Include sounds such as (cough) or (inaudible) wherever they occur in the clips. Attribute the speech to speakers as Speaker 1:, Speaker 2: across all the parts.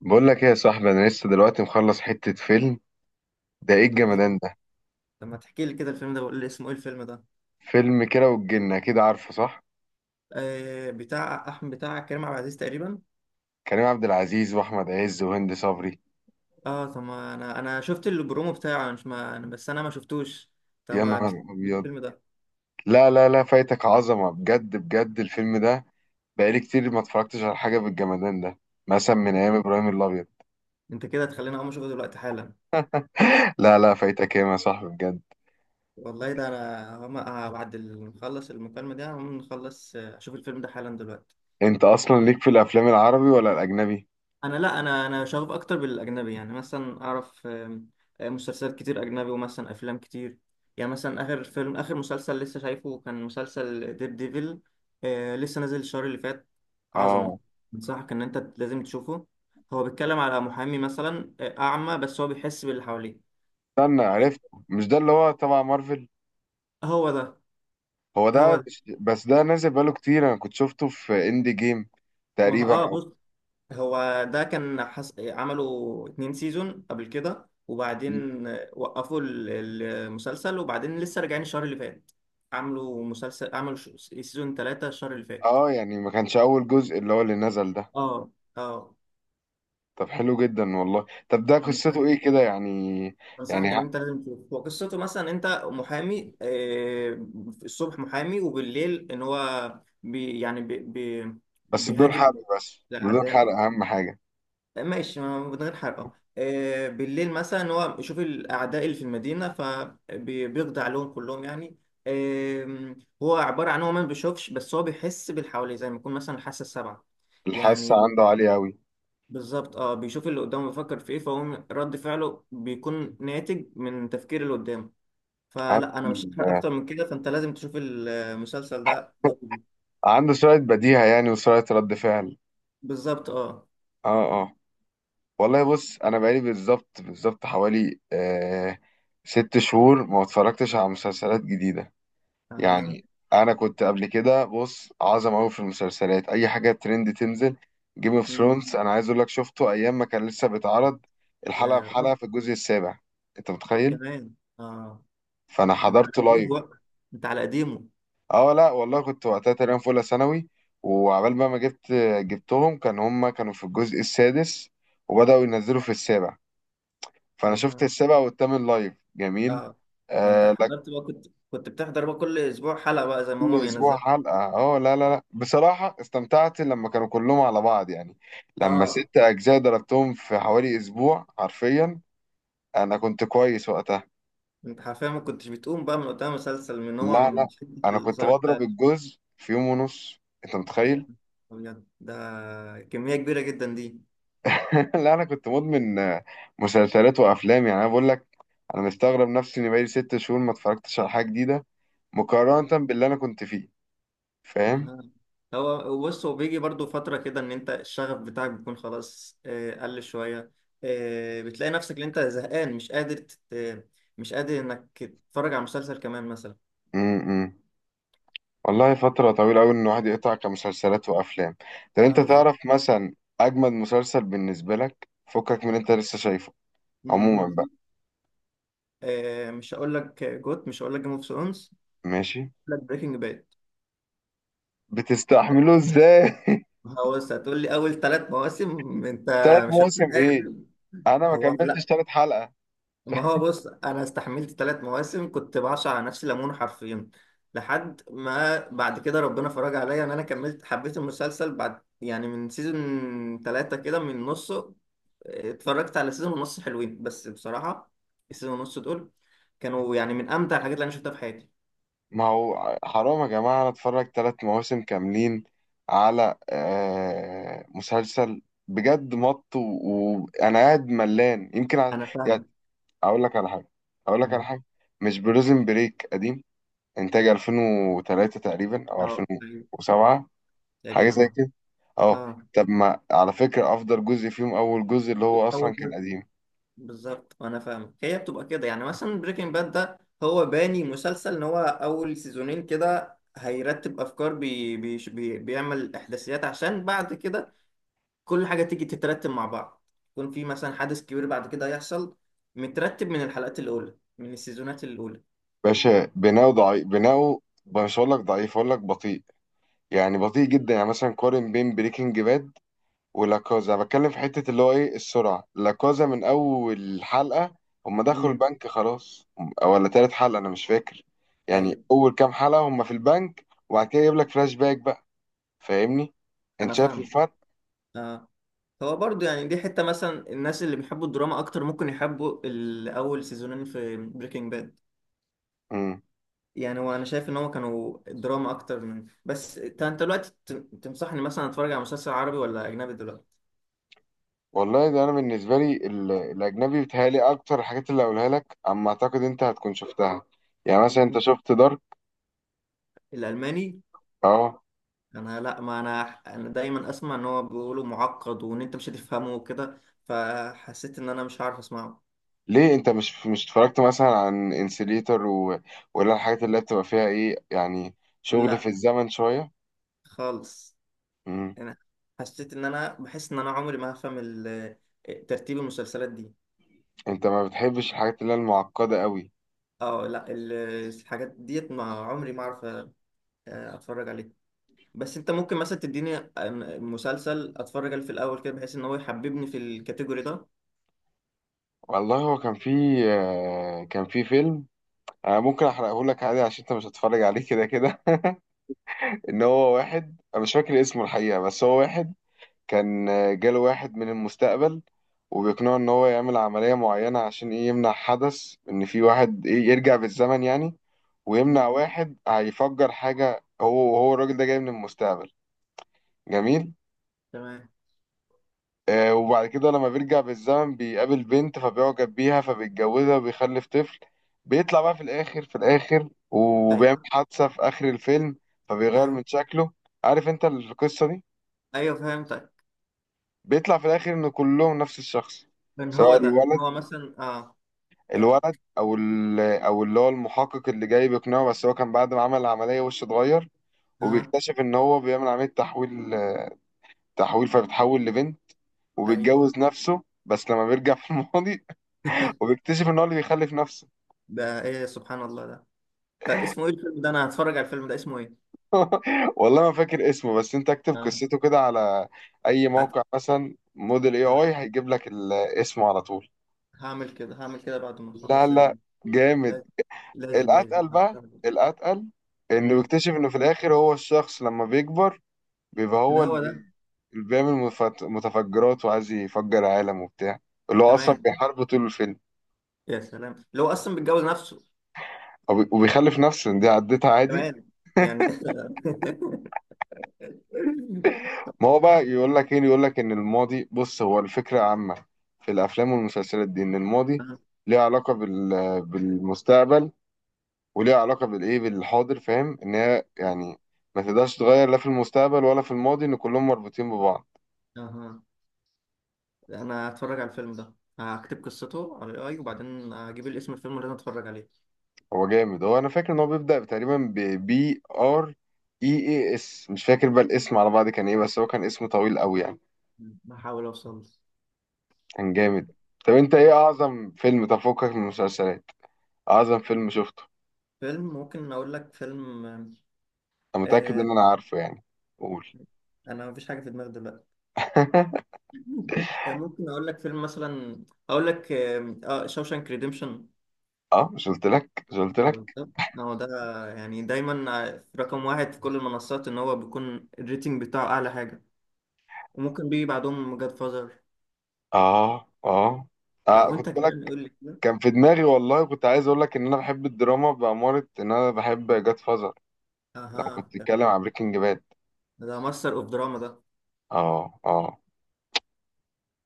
Speaker 1: بقول لك ايه يا صاحبي، انا لسه دلوقتي مخلص حتة فيلم. ده ايه
Speaker 2: إيه؟
Speaker 1: الجمدان ده؟
Speaker 2: طب ما تحكي لي كده الفيلم ده، بقول لي اسمه ايه الفيلم ده؟
Speaker 1: فيلم كده والجنة كده، عارفه؟ صح.
Speaker 2: آه، بتاع احمد، بتاع كريم عبد العزيز تقريبا.
Speaker 1: كريم عبد العزيز واحمد عز وهند صبري.
Speaker 2: اه، طب ما انا شفت البرومو بتاعه، انا مش ما أنا- بس انا ما شفتوش. طب
Speaker 1: يا
Speaker 2: ما بت-
Speaker 1: نهار ابيض.
Speaker 2: الفيلم ده،
Speaker 1: لا لا لا، فايتك عظمة بجد بجد الفيلم ده. بقالي كتير ما اتفرجتش على حاجة بالجمدان ده، مثلا من
Speaker 2: انت
Speaker 1: ايام ابراهيم الابيض.
Speaker 2: انت كده تخليني اقوم اشوفه دلوقتي حالا.
Speaker 1: لا لا، فايتك ايه يا صاحبي بجد.
Speaker 2: والله ده انا بعد ما نخلص المكالمة دي هقوم نخلص، اشوف الفيلم ده حالا دلوقتي.
Speaker 1: انت اصلا ليك في الافلام العربي ولا الاجنبي؟
Speaker 2: انا لا، انا شغوف اكتر بالاجنبي، يعني مثلا اعرف آم، آم، مسلسلات كتير اجنبي، ومثلا افلام كتير. يعني مثلا اخر فيلم، اخر مسلسل لسه شايفه كان مسلسل ديب ديفل. لسه نازل الشهر اللي فات. عظمه.
Speaker 1: اه.
Speaker 2: انصحك ان انت لازم تشوفه. هو بيتكلم على محامي مثلا، اعمى، بس هو بيحس باللي حواليه.
Speaker 1: استنى،
Speaker 2: آه.
Speaker 1: عرفت. مش ده اللي هو تبع مارفل؟
Speaker 2: هو ده.
Speaker 1: هو
Speaker 2: هو
Speaker 1: ده
Speaker 2: ده.
Speaker 1: بس، ده نازل بقاله كتير. انا كنت شفته في اندي جيم
Speaker 2: ما ه- اه،
Speaker 1: تقريبا، او
Speaker 2: بص، هو ده كان حس... عملوا اتنين سيزون قبل كده، وبعدين وقفوا المسلسل، وبعدين لسه راجعين الشهر اللي فات. عملوا سيزون ثلاثة الشهر اللي فات.
Speaker 1: اه يعني ما كانش اول جزء اللي هو اللي نزل ده؟
Speaker 2: اه، اه.
Speaker 1: طب حلو جدا والله. طب ده قصته
Speaker 2: أنصح-
Speaker 1: ايه كده يعني؟ يعني
Speaker 2: انصحك ان
Speaker 1: ه-
Speaker 2: انت لازم تشوف. هو قصته مثلا انت محامي، الصبح محامي، وبالليل ان هو بي يعني بي بي
Speaker 1: بس بدون
Speaker 2: بيهاجم
Speaker 1: حرق، بس بدون حرق،
Speaker 2: الاعداء.
Speaker 1: اهم حاجة.
Speaker 2: ماشي، ما من غير حرقه. بالليل مثلا هو يشوف الاعداء اللي في المدينه فبيقضي عليهم كلهم يعني. آم، هو عباره عن هو ما بيشوفش، بس هو بيحس باللي حواليه زي ما يكون مثلا حاسه السبعه
Speaker 1: الحاسة
Speaker 2: يعني.
Speaker 1: عنده عالية قوي.
Speaker 2: بالظبط، اه. بيشوف اللي قدامه بيفكر في ايه، فهو رد فعله بيكون ناتج من تفكير اللي قدامه. فلا، انا مش هحرق
Speaker 1: عنده
Speaker 2: اكتر من كده، فانت لازم تشوف المسلسل ده
Speaker 1: (laughs)
Speaker 2: ضروري.
Speaker 1: عنده سرعة بديهة يعني، وسرعة رد فعل.
Speaker 2: بالظبط، اه.
Speaker 1: اه اه. والله بص، انا بقالي بالظبط بالظبط حوالي ست شهور ما اتفرجتش على مسلسلات جديدة
Speaker 2: اها.
Speaker 1: يعني. انا كنت قبل كده بص عظم قوي في المسلسلات، اي حاجه ترند تنزل. جيم اوف
Speaker 2: مم.
Speaker 1: ثرونز، انا عايز اقول لك شفته ايام ما كان لسه بيتعرض، الحلقه
Speaker 2: يا رب.
Speaker 1: بحلقه في الجزء السابع. انت متخيل؟
Speaker 2: كمان. اه.
Speaker 1: فانا
Speaker 2: ده انت على
Speaker 1: حضرته
Speaker 2: قديمه
Speaker 1: لايف.
Speaker 2: بقى. انت على قديمه.
Speaker 1: اه لا والله، كنت وقتها تقريبا في اولى ثانوي، وعبال بقى ما جبت جبتهم، كان هما كانوا في الجزء السادس وبداوا ينزلوا في السابع. فانا شفت
Speaker 2: أها.
Speaker 1: السابع والثامن لايف، جميل.
Speaker 2: اه. ده انت
Speaker 1: آه
Speaker 2: حضرت بقى، كنت بتحضر بقى كل اسبوع حلقه بقى زي ما
Speaker 1: كل
Speaker 2: هما
Speaker 1: اسبوع
Speaker 2: بينزلوا.
Speaker 1: حلقه، اه، لا لا لا، بصراحه استمتعت لما كانوا كلهم على بعض يعني. لما
Speaker 2: اه.
Speaker 1: ست اجزاء ضربتهم في حوالي اسبوع حرفيا. انا كنت كويس وقتها.
Speaker 2: انت حرفيا ما كنتش بتقوم بقى من قدام مسلسل من نوع
Speaker 1: لا
Speaker 2: من
Speaker 1: لا،
Speaker 2: شدة
Speaker 1: انا كنت
Speaker 2: الإثارة
Speaker 1: بضرب
Speaker 2: بتاعته.
Speaker 1: الجزء في يوم ونص، انت
Speaker 2: يا
Speaker 1: متخيل؟
Speaker 2: أبيض ده! كمية كبيرة جدا دي.
Speaker 1: (laughs) لا انا كنت مدمن مسلسلات وافلام يعني. انا بقول لك، انا مستغرب نفسي اني بقالي ست شهور ما اتفرجتش على حاجه جديده، مقارنه باللي انا كنت فيه، فاهم؟
Speaker 2: أها. هو بص، هو بيجي برضو فترة كده إن أنت الشغف بتاعك بيكون خلاص، قل شوية. بتلاقي نفسك إن أنت زهقان، مش قادر إنك تتفرج على مسلسل كمان مثلا.
Speaker 1: م- م. والله فترة طويلة أوي إن الواحد يقطع كمسلسلات وأفلام. طب
Speaker 2: اه،
Speaker 1: أنت
Speaker 2: بالظبط.
Speaker 1: تعرف مثلا أجمد مسلسل بالنسبة لك فكك من اللي أنت لسه شايفه عموما
Speaker 2: مهم.
Speaker 1: بقى؟
Speaker 2: مش هقول لك جيم اوف ثرونز،
Speaker 1: ماشي.
Speaker 2: هقول لك بريكنج باد.
Speaker 1: بتستحمله إزاي؟ (laughs)
Speaker 2: هو بص، هتقول لي اول ثلاث مواسم انت
Speaker 1: تلات
Speaker 2: مش
Speaker 1: مواسم
Speaker 2: هتكون
Speaker 1: إيه؟
Speaker 2: قادر.
Speaker 1: أنا ما
Speaker 2: هو
Speaker 1: كملتش
Speaker 2: لا.
Speaker 1: تلات حلقة.
Speaker 2: ما هو بص، انا استحملت ثلاث مواسم كنت بعصر على نفسي ليمون حرفيا، لحد ما بعد كده ربنا فرج عليا ان انا كملت، حبيت المسلسل بعد يعني من سيزون ثلاثة كده من نصه. اتفرجت على سيزون ونص حلوين بس بصراحة. السيزون ونص دول كانوا يعني من امتع الحاجات اللي انا شفتها في حياتي.
Speaker 1: ما هو حرام يا جماعة أنا أتفرج تلات مواسم كاملين على مسلسل بجد. مط وأنا قاعد ملان يمكن
Speaker 2: انا
Speaker 1: يعني.
Speaker 2: فاهمك.
Speaker 1: أقول لك على حاجة أقول لك على حاجة. مش بريزن بريك قديم؟ انتاج 2003 تقريبا او
Speaker 2: اه، أيوة،
Speaker 1: 2007، حاجه
Speaker 2: تقريبا،
Speaker 1: زي
Speaker 2: اه.
Speaker 1: كده. اه.
Speaker 2: اه.
Speaker 1: طب ما على فكره افضل جزء فيهم اول جزء اللي هو
Speaker 2: اول
Speaker 1: اصلا كان
Speaker 2: جزء.
Speaker 1: قديم.
Speaker 2: بالظبط، وانا فاهم، هي بتبقى كده يعني. مثلا بريكنج باد ده، هو باني مسلسل ان هو اول سيزونين كده هيرتب افكار، بي بي بي بيعمل احداثيات عشان بعد كده كل حاجه تيجي تترتب مع بعض، يكون في مثلا حدث كبير بعد كده هيحصل مترتب من الحلقات الاولى، من السيزونات الاولى.
Speaker 1: باشا بناؤه ضعيف، بناؤه مش هقول لك ضعيف، هقول لك بطيء. يعني بطيء جدا. يعني مثلا قارن بين بريكنج باد ولاكازا، بتكلم في حته اللي هو ايه، السرعه. لاكازا من اول حلقه هم دخلوا
Speaker 2: امم.
Speaker 1: البنك خلاص، أو ولا تالت حلقه انا مش فاكر. يعني
Speaker 2: ايوه.
Speaker 1: اول كام حلقه هم في البنك وبعد كده يجيب لك فلاش باك بقى. فاهمني؟ انت
Speaker 2: انا
Speaker 1: شايف؟
Speaker 2: فاهم. اه. هو برضو يعني دي حته مثلا الناس اللي بيحبوا الدراما اكتر ممكن يحبوا الاول سيزونين في بريكنج باد.
Speaker 1: امم
Speaker 2: يعني هو انا شايف ان هو كانوا دراما اكتر من، بس انت تنصحني مثلا اتفرج على مسلسل عربي ولا اجنبي دلوقتي؟
Speaker 1: والله ده انا بالنسبه لي، الاجنبي بيتهيألي اكتر. الحاجات اللي هقولها لك اما اعتقد انت هتكون شفتها. يعني مثلا انت
Speaker 2: مهم.
Speaker 1: شفت دارك؟
Speaker 2: الالماني.
Speaker 1: اه.
Speaker 2: انا لا، ما انا، انا دايما اسمع ان هو بيقولوا معقد، وان انت مش هتفهمه وكده، فحسيت ان انا مش عارف اسمعه.
Speaker 1: ليه، انت مش اتفرجت مثلا عن انسليتر ولا الحاجات اللي بتبقى فيها ايه يعني، شغل في
Speaker 2: لا،
Speaker 1: الزمن شويه؟
Speaker 2: خالص.
Speaker 1: امم
Speaker 2: انا حسيت ان انا بحس ان انا عمري ما هفهم ترتيب المسلسلات دي.
Speaker 1: انت ما بتحبش الحاجات اللي هي المعقده قوي.
Speaker 2: اه لا، الحاجات ديت ما عمري ما اعرف اتفرج عليها. بس انت ممكن مثلا تديني مسلسل اتفرج عليه في الاول كده، بحيث ان هو يحببني في الكاتيجوري ده.
Speaker 1: والله هو كان في كان في فيلم. انا ممكن احرقه لك عادي عشان انت مش هتتفرج عليه كده كده. (laughs) ان هو واحد، انا مش فاكر اسمه الحقيقه، بس هو واحد كان جاله واحد من المستقبل وبيقنعه ان هو يعمل عملية معينة عشان ايه، يمنع حدث، ان في واحد ايه يرجع بالزمن يعني، ويمنع
Speaker 2: مم.
Speaker 1: واحد هيفجر حاجة. هو الراجل ده جاي من المستقبل. جميل.
Speaker 2: تمام.
Speaker 1: وبعد كده لما بيرجع بالزمن بيقابل بنت فبيعجب بيها فبيتجوزها وبيخلف طفل. بيطلع بقى في الاخر، وبيعمل
Speaker 2: ايوه،
Speaker 1: حادثة في اخر الفيلم فبيغير
Speaker 2: ايوه،
Speaker 1: من شكله. عارف انت القصة دي؟
Speaker 2: ايوه، فهمتك.
Speaker 1: بيطلع في الاخر ان كلهم نفس الشخص،
Speaker 2: ان هو
Speaker 1: سواء
Speaker 2: ده، ان
Speaker 1: الولد،
Speaker 2: هو مثلا اه. فهمت.
Speaker 1: او اللي هو المحقق اللي جاي بيقنعه. بس هو كان بعد ما عمل العمليه وشه اتغير،
Speaker 2: اه.
Speaker 1: وبيكتشف ان هو بيعمل عمليه تحويل، فبيتحول لبنت
Speaker 2: ايوه.
Speaker 1: وبيتجوز نفسه، بس لما بيرجع في الماضي. (laughs)
Speaker 2: (laughs)
Speaker 1: وبيكتشف ان هو اللي بيخلف نفسه.
Speaker 2: ده ايه سبحان الله ده! ده اسمه ايه الفيلم ده؟ انا هتفرج على الفيلم ده، اسمه ايه؟
Speaker 1: والله ما فاكر اسمه، بس انت اكتب
Speaker 2: اه،
Speaker 1: قصته كده على اي
Speaker 2: هت-
Speaker 1: موقع، مثلا موديل اي
Speaker 2: تمام.
Speaker 1: اي، هيجيب لك اسمه على طول.
Speaker 2: هعمل كده، هعمل كده بعد ما
Speaker 1: لا
Speaker 2: اخلص
Speaker 1: لا، جامد.
Speaker 2: لا- لازم، لازم.
Speaker 1: الاتقل بقى، الاتقل، انه
Speaker 2: امم.
Speaker 1: بيكتشف انه في الاخر هو الشخص لما بيكبر، بيبقى
Speaker 2: ان
Speaker 1: هو
Speaker 2: هو ده.
Speaker 1: اللي بيعمل متفجرات وعايز يفجر عالم وبتاع، اللي هو اصلا
Speaker 2: كمان.
Speaker 1: بيحاربه طول الفيلم.
Speaker 2: يا سلام، اللي هو اصلا بيتجوز نفسه!
Speaker 1: وبيخلف نفسه، إن دي عدتها عادي.
Speaker 2: كمان يعني. (laughs)
Speaker 1: ما هو بقى يقول لك ايه، يقول لك ان الماضي، بص هو الفكره عامه في الافلام والمسلسلات دي، ان الماضي
Speaker 2: آه.
Speaker 1: ليه علاقه بالمستقبل، وليه علاقه بالايه، بالحاضر، فاهم؟ ان هي يعني ما تقدرش تغير لا في المستقبل ولا في الماضي، ان كلهم مربوطين ببعض.
Speaker 2: اها. انا هتفرج على الفيلم ده، هكتب قصته على الاي، وبعدين هجيب الاسم الفيلم اللي انا اتفرج عليه.
Speaker 1: هو جامد. هو انا فاكر ان هو بيبدأ تقريبا ب بي ار اي اي اس، مش فاكر بقى الاسم على بعض كان ايه، بس هو كان اسم طويل قوي يعني.
Speaker 2: هحاول اوصل له.
Speaker 1: كان جامد. طب انت ايه
Speaker 2: تمام.
Speaker 1: اعظم فيلم تفوقك من المسلسلات، اعظم فيلم شفته؟
Speaker 2: فيلم، ممكن اقول لك فيلم.
Speaker 1: انا متأكد
Speaker 2: آه.
Speaker 1: ان انا عارفه يعني. قول.
Speaker 2: انا مفيش حاجه في دماغي دلوقتي.
Speaker 1: (laughs)
Speaker 2: (laughs) آه، ممكن اقول لك فيلم مثلا. اقول لك، شوشانك ريديمشن.
Speaker 1: اه، مش قلت لك، مش قلت لك.
Speaker 2: بالظبط، هو ده. يعني دايما في رقم واحد في كل المنصات، ان هو بيكون الريتنج بتاعه اعلى حاجه، وممكن بيجي بعدهم جاد فازر.
Speaker 1: اه اه
Speaker 2: آه،
Speaker 1: اه،
Speaker 2: وانت
Speaker 1: خد
Speaker 2: كمان
Speaker 1: بالك،
Speaker 2: قول لي كده.
Speaker 1: كان في دماغي. والله كنت عايز اقول لك ان انا بحب الدراما، بأمارة ان انا بحب جاد فازر لما كنت
Speaker 2: اها،
Speaker 1: بتتكلم عن بريكنج باد.
Speaker 2: ده ماستر اوف دراما ده.
Speaker 1: اه اه،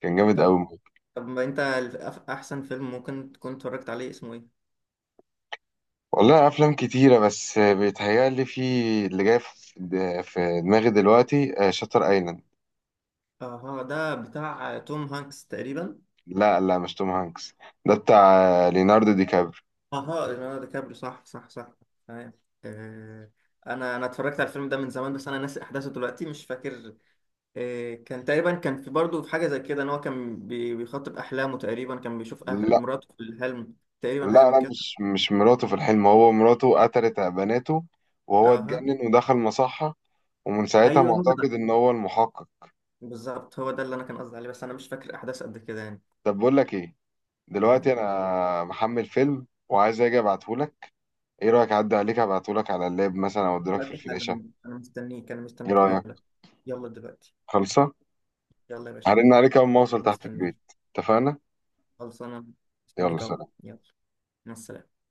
Speaker 1: كان جامد
Speaker 2: طب،
Speaker 1: قوي.
Speaker 2: طب ما انت ال- أف- احسن فيلم ممكن تكون اتفرجت عليه اسمه ايه؟
Speaker 1: والله افلام كتيره، بس بيتهيألي في اللي جاي في دماغي دلوقتي، شاتر ايلاند.
Speaker 2: اها، ده بتاع توم هانكس تقريبا.
Speaker 1: لا لا، مش توم هانكس، ده بتاع ليوناردو دي كابري.
Speaker 2: اها، ليوناردو دي كابريو، صح، صح، صح. تمام. آه، انا اتفرجت على الفيلم ده من زمان، بس انا ناسي احداثه دلوقتي، مش فاكر. كان تقريبا، كان في برضه في حاجه زي كده ان هو كان بيخاطب احلامه، تقريبا كان بيشوف
Speaker 1: لا
Speaker 2: مراته في الحلم، تقريبا حاجه
Speaker 1: لا
Speaker 2: من
Speaker 1: لا،
Speaker 2: كده.
Speaker 1: مش مراته في الحلم. هو مراته قتلت بناته وهو
Speaker 2: اها.
Speaker 1: اتجنن ودخل مصحه، ومن ساعتها
Speaker 2: ايوه، هو
Speaker 1: معتقد
Speaker 2: ده.
Speaker 1: ان هو المحقق.
Speaker 2: بالظبط، هو ده اللي انا كان قصدي عليه، بس انا مش فاكر احداث قد كده يعني.
Speaker 1: طب بقول لك ايه، دلوقتي
Speaker 2: تمام.
Speaker 1: انا محمل فيلم وعايز اجي ابعته لك. ايه رايك اعدي عليك ابعته لك على اللاب مثلا، او اديلك في
Speaker 2: دلوقتي
Speaker 1: الفلاشه؟
Speaker 2: حالا انا مستنيك، انا
Speaker 1: ايه
Speaker 2: مستنيك
Speaker 1: رايك؟
Speaker 2: حالا. يلا دلوقتي.
Speaker 1: خلصه.
Speaker 2: يلا يا باشا.
Speaker 1: هرن عليك أول ما أوصل
Speaker 2: انا
Speaker 1: تحت البيت.
Speaker 2: مستنيك.
Speaker 1: اتفقنا؟
Speaker 2: خلاص، انا
Speaker 1: يلا
Speaker 2: مستنيك اهو.
Speaker 1: سلام.
Speaker 2: يلا، مع السلامة.